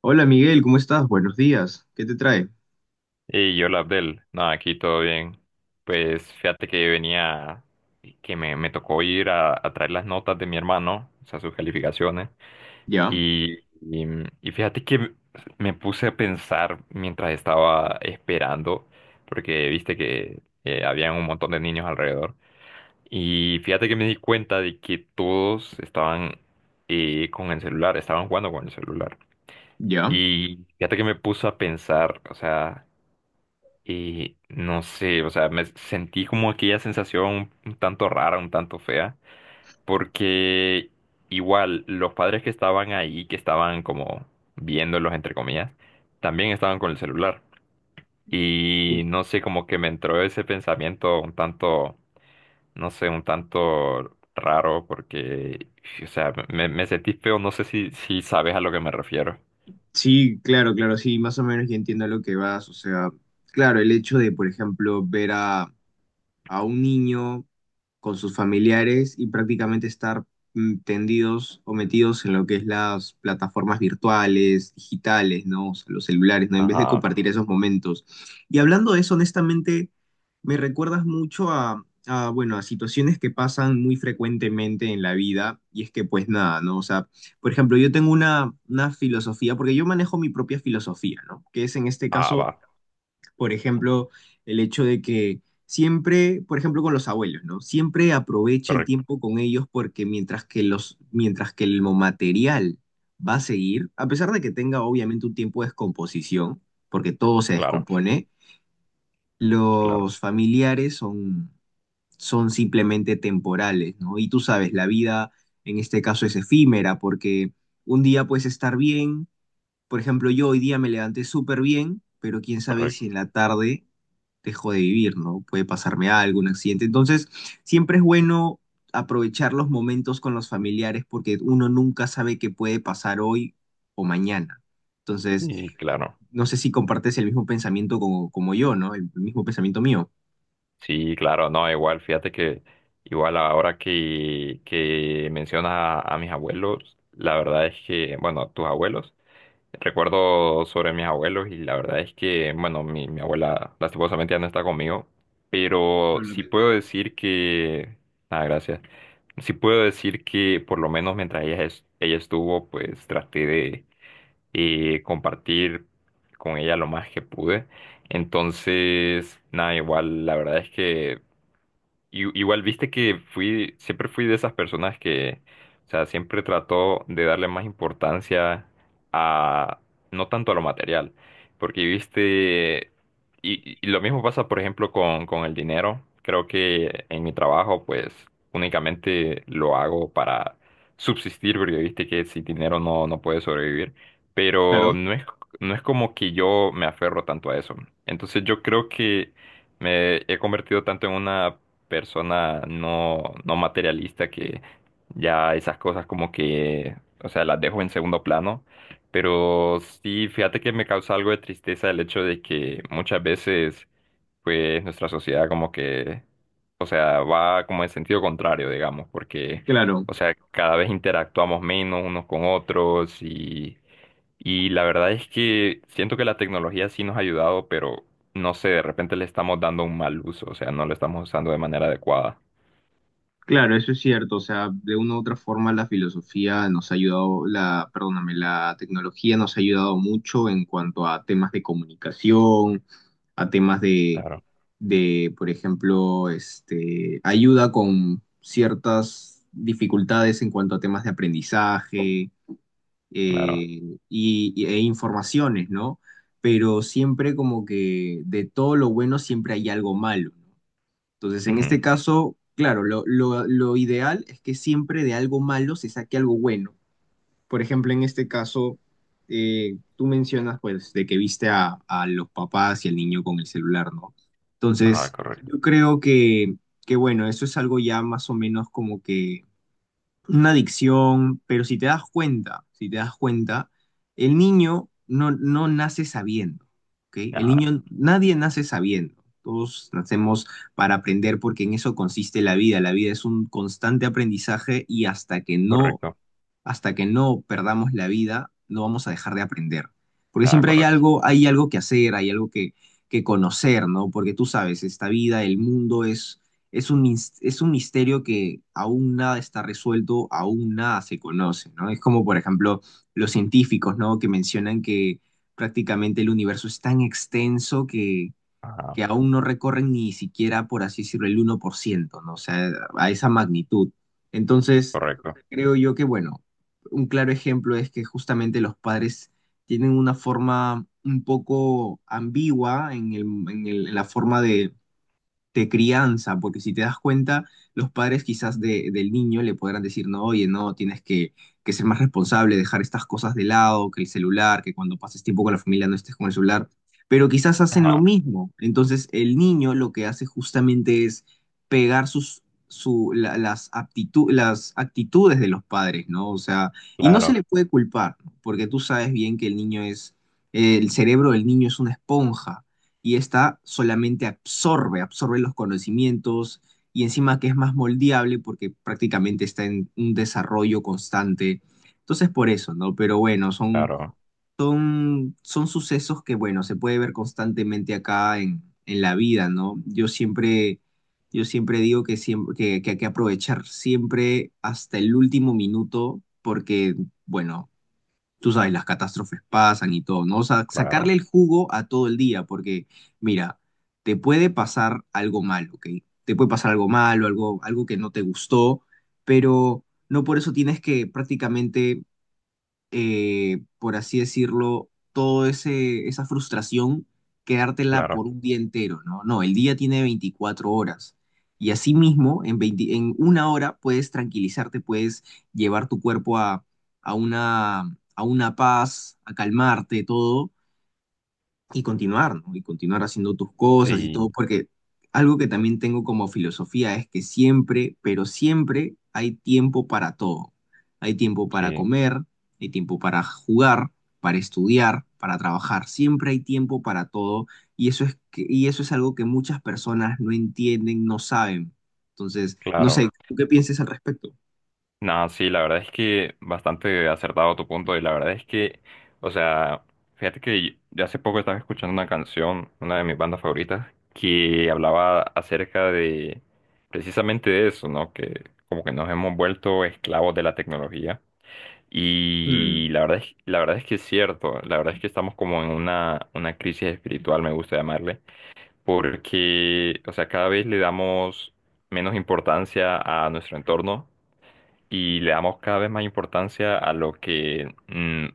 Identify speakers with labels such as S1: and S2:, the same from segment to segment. S1: Hola Miguel, ¿cómo estás? Buenos días. ¿Qué te trae?
S2: Y yo, Abdel, nada, aquí todo bien. Pues fíjate que venía, que me tocó ir a traer las notas de mi hermano, o sea, sus calificaciones.
S1: Ya,
S2: Y, y, y fíjate que me puse a pensar mientras estaba esperando, porque viste que habían un montón de niños alrededor. Y fíjate que me di cuenta de que todos estaban con el celular, estaban jugando con el celular.
S1: ya.
S2: Y fíjate que me puso a pensar, o sea, y no sé, o sea, me sentí como aquella sensación un tanto rara, un tanto fea, porque igual los padres que estaban ahí, que estaban como viéndolos, entre comillas, también estaban con el celular. Y
S1: Uy.
S2: no sé, como que me entró ese pensamiento un tanto, no sé, un tanto raro, porque, o sea, me sentí feo, no sé si, si sabes a lo que me refiero.
S1: Sí, claro, claro, sí, más o menos ya entiendo a lo que vas. O sea, claro, el hecho de, por ejemplo, ver a un niño con sus familiares y prácticamente estar tendidos o metidos en lo que es las plataformas virtuales, digitales, ¿no? O sea, los celulares, ¿no? En vez de
S2: Ajá,
S1: compartir esos momentos. Y hablando de eso, honestamente, me recuerdas mucho bueno, a situaciones que pasan muy frecuentemente en la vida y es que pues nada, ¿no? O sea, por ejemplo, yo tengo una filosofía, porque yo manejo mi propia filosofía, ¿no? Que es en este
S2: ah,
S1: caso,
S2: va,
S1: por ejemplo, el hecho de que siempre, por ejemplo, con los abuelos, ¿no? Siempre aprovecha el
S2: correcto,
S1: tiempo con ellos porque mientras que el material va a seguir, a pesar de que tenga obviamente un tiempo de descomposición, porque todo se
S2: claro,
S1: descompone,
S2: claro,
S1: los familiares son simplemente temporales, ¿no? Y tú sabes, la vida en este caso es efímera porque un día puedes estar bien, por ejemplo, yo hoy día me levanté súper bien, pero quién sabe si en
S2: correcto,
S1: la tarde dejo de vivir, ¿no? Puede pasarme algo, un accidente. Entonces, siempre es bueno aprovechar los momentos con los familiares porque uno nunca sabe qué puede pasar hoy o mañana. Entonces,
S2: y claro.
S1: no sé si compartes el mismo pensamiento como, yo, ¿no? El mismo pensamiento mío.
S2: Sí, claro, no, igual, fíjate que igual ahora que mencionas a mis abuelos, la verdad es que, bueno, tus abuelos, recuerdo sobre mis abuelos y la verdad es que, bueno, mi abuela lastimosamente ya no está conmigo, pero sí puedo decir que, ah, gracias, sí puedo decir que por lo menos mientras ella, ella estuvo, pues traté de compartir con ella lo más que pude. Entonces, nada, igual, la verdad es que igual viste que fui, siempre fui de esas personas que, o sea, siempre trató de darle más importancia a, no tanto a lo material, porque viste, y lo mismo pasa, por ejemplo, con el dinero. Creo que en mi trabajo, pues, únicamente lo hago para subsistir, porque viste que sin dinero no, no puedes sobrevivir, pero
S1: Claro,
S2: no es, no es como que yo me aferro tanto a eso. Entonces yo creo que me he convertido tanto en una persona no, no materialista que ya esas cosas como que, o sea, las dejo en segundo plano. Pero sí, fíjate que me causa algo de tristeza el hecho de que muchas veces pues nuestra sociedad como que, o sea, va como en sentido contrario, digamos, porque,
S1: claro.
S2: o sea, cada vez interactuamos menos unos con otros y la verdad es que siento que la tecnología sí nos ha ayudado, pero no sé, de repente le estamos dando un mal uso, o sea, no lo estamos usando de manera adecuada.
S1: Claro, eso es cierto. O sea, de una u otra forma la filosofía nos ha ayudado, la, perdóname, la tecnología nos ha ayudado mucho en cuanto a temas de comunicación, a temas
S2: Claro,
S1: por ejemplo, este, ayuda con ciertas dificultades en cuanto a temas de aprendizaje,
S2: claro.
S1: e informaciones, ¿no? Pero siempre como que de todo lo bueno siempre hay algo malo. Entonces, en
S2: Ujú.
S1: este caso, claro, lo, lo ideal es que siempre de algo malo se saque algo bueno. Por ejemplo, en este caso, tú mencionas, pues, de que viste a, los papás y al niño con el celular, ¿no? Entonces,
S2: Ajá, correcto.
S1: yo creo que, bueno, eso es algo ya más o menos como que una adicción, pero si te das cuenta, si te das cuenta, el niño no, no nace sabiendo, ¿ok? El
S2: Ajá,
S1: niño, nadie nace sabiendo. Todos nacemos para aprender porque en eso consiste la vida. La vida es un constante aprendizaje y
S2: correcto.
S1: hasta que no perdamos la vida, no vamos a dejar de aprender. Porque
S2: Ajá,
S1: siempre
S2: correcto.
S1: hay algo que hacer, hay algo que conocer, ¿no? Porque tú sabes, esta vida, el mundo es un misterio que aún nada está resuelto, aún nada se conoce, ¿no? Es como, por ejemplo, los científicos, ¿no? Que mencionan que prácticamente el universo es tan extenso que
S2: Ajá,
S1: aún no recorren ni siquiera, por así decirlo, el 1%, ¿no? O sea, a esa magnitud. Entonces,
S2: correcto.
S1: creo yo que, bueno, un claro ejemplo es que justamente los padres tienen una forma un poco ambigua en el- en la forma de crianza, porque si te das cuenta, los padres quizás del niño le podrán decir, no, oye, no, tienes que, ser más responsable, dejar estas cosas de lado, que el celular, que cuando pases tiempo con la familia no estés con el celular, pero quizás hacen lo
S2: Ajá,
S1: mismo. Entonces el niño lo que hace justamente es pegar sus, su, la- las aptitu- las actitudes de los padres, ¿no? O sea, y no se
S2: claro,
S1: le puede culpar, ¿no? Porque tú sabes bien que el cerebro del niño es una esponja y esta solamente absorbe, absorbe los conocimientos y encima que es más moldeable porque prácticamente está en un desarrollo constante. Entonces por eso, ¿no? Pero bueno, son,
S2: claro,
S1: son sucesos que, bueno, se puede ver constantemente acá en la vida, ¿no? Yo siempre digo que, siempre, que, hay que aprovechar siempre hasta el último minuto porque, bueno, tú sabes, las catástrofes pasan y todo, ¿no? O sea, sacarle
S2: claro,
S1: el jugo a todo el día, porque mira, te puede pasar algo malo, ¿ok? Te puede pasar algo malo, algo, algo que no te gustó, pero no por eso tienes que prácticamente, por así decirlo, toda esa frustración, quedártela
S2: claro.
S1: por un día entero, ¿no? No, el día tiene 24 horas. Y asimismo, en una hora puedes tranquilizarte, puedes llevar tu cuerpo a, a una paz, a calmarte, todo y continuar, ¿no? Y continuar haciendo tus cosas y todo,
S2: Sí,
S1: porque algo que también tengo como filosofía es que siempre, pero siempre hay tiempo para todo. Hay tiempo para
S2: sí,
S1: comer, hay tiempo para jugar, para estudiar, para trabajar. Siempre hay tiempo para todo y y eso es algo que muchas personas no entienden, no saben. Entonces, no
S2: claro.
S1: sé, ¿tú qué piensas al respecto?
S2: No, sí, la verdad es que bastante acertado tu punto y la verdad es que, o sea, fíjate que yo hace poco estaba escuchando una canción, una de mis bandas favoritas, que hablaba acerca de precisamente de eso, ¿no? Que como que nos hemos vuelto esclavos de la tecnología y
S1: Mm,
S2: la verdad es que es cierto, la verdad es que estamos como en una crisis espiritual, me gusta llamarle, porque, o sea, cada vez le damos menos importancia a nuestro entorno y le damos cada vez más importancia a lo que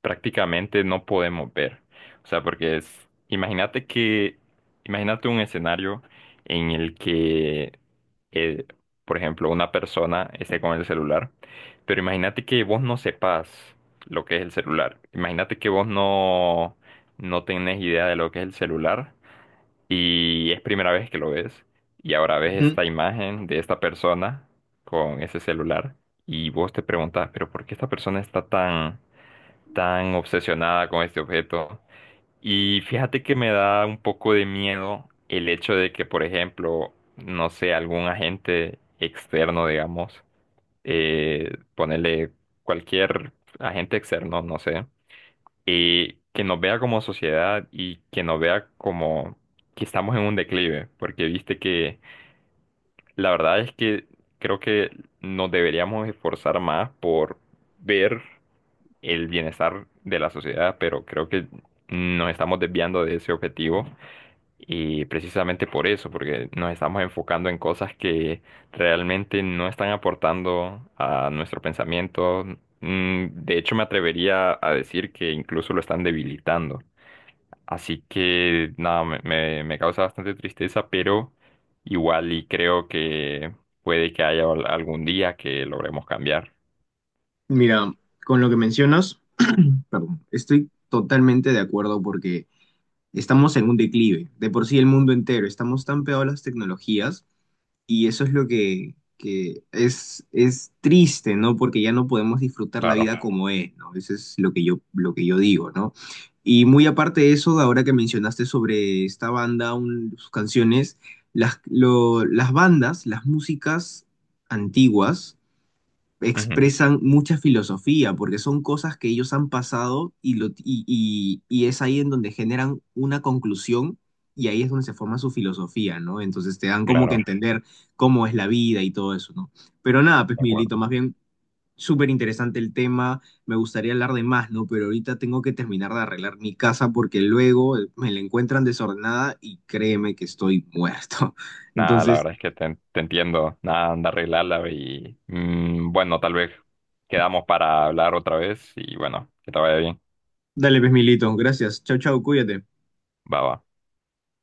S2: prácticamente no podemos ver. O sea, porque es, imagínate que, imagínate un escenario en el que, eh, por ejemplo, una persona esté con el celular, pero imagínate que vos no sepas lo que es el celular. Imagínate que vos no, no tenés idea de lo que es el celular y es primera vez que lo ves. Y ahora ves
S1: ujú.
S2: esta imagen de esta persona con ese celular. Y vos te preguntas, pero ¿por qué esta persona está tan, tan obsesionada con este objeto? Y fíjate que me da un poco de miedo el hecho de que, por ejemplo, no sé, algún agente externo, digamos, ponerle cualquier agente externo, no sé y que nos vea como sociedad y que nos vea como que estamos en un declive, porque viste que la verdad es que creo que nos deberíamos esforzar más por ver el bienestar de la sociedad, pero creo que nos estamos desviando de ese objetivo y precisamente por eso, porque nos estamos enfocando en cosas que realmente no están aportando a nuestro pensamiento. De hecho, me atrevería a decir que incluso lo están debilitando. Así que nada, me causa bastante tristeza, pero igual y creo que puede que haya algún día que logremos cambiar.
S1: Mira, con lo que mencionas, perdón, estoy totalmente de acuerdo porque estamos en un declive, de por sí el mundo entero, estamos tan pegados a las tecnologías y eso es lo que es triste, ¿no? Porque ya no podemos disfrutar la
S2: Claro,
S1: vida como es, ¿no? Eso es lo que yo digo, ¿no? Y muy aparte de eso, ahora que mencionaste sobre esta banda, sus canciones, las, las bandas, las músicas antiguas,
S2: ujú,
S1: expresan mucha filosofía, porque son cosas que ellos han pasado y, lo, y, y es ahí en donde generan una conclusión y ahí es donde se forma su filosofía, ¿no? Entonces te dan como que
S2: claro,
S1: entender cómo es la vida y todo eso, ¿no? Pero nada, pues
S2: de
S1: Miguelito,
S2: acuerdo.
S1: más bien súper interesante el tema, me gustaría hablar de más, ¿no? Pero ahorita tengo que terminar de arreglar mi casa porque luego, me la encuentran desordenada y créeme que estoy muerto.
S2: Nada, la
S1: Entonces,
S2: verdad es que te entiendo. Nada, anda a arreglarla y bueno, tal vez quedamos para hablar otra vez y bueno, que te vaya bien.
S1: dale, pues Miguelito, gracias, chau, chau, cuídate.
S2: Va, va.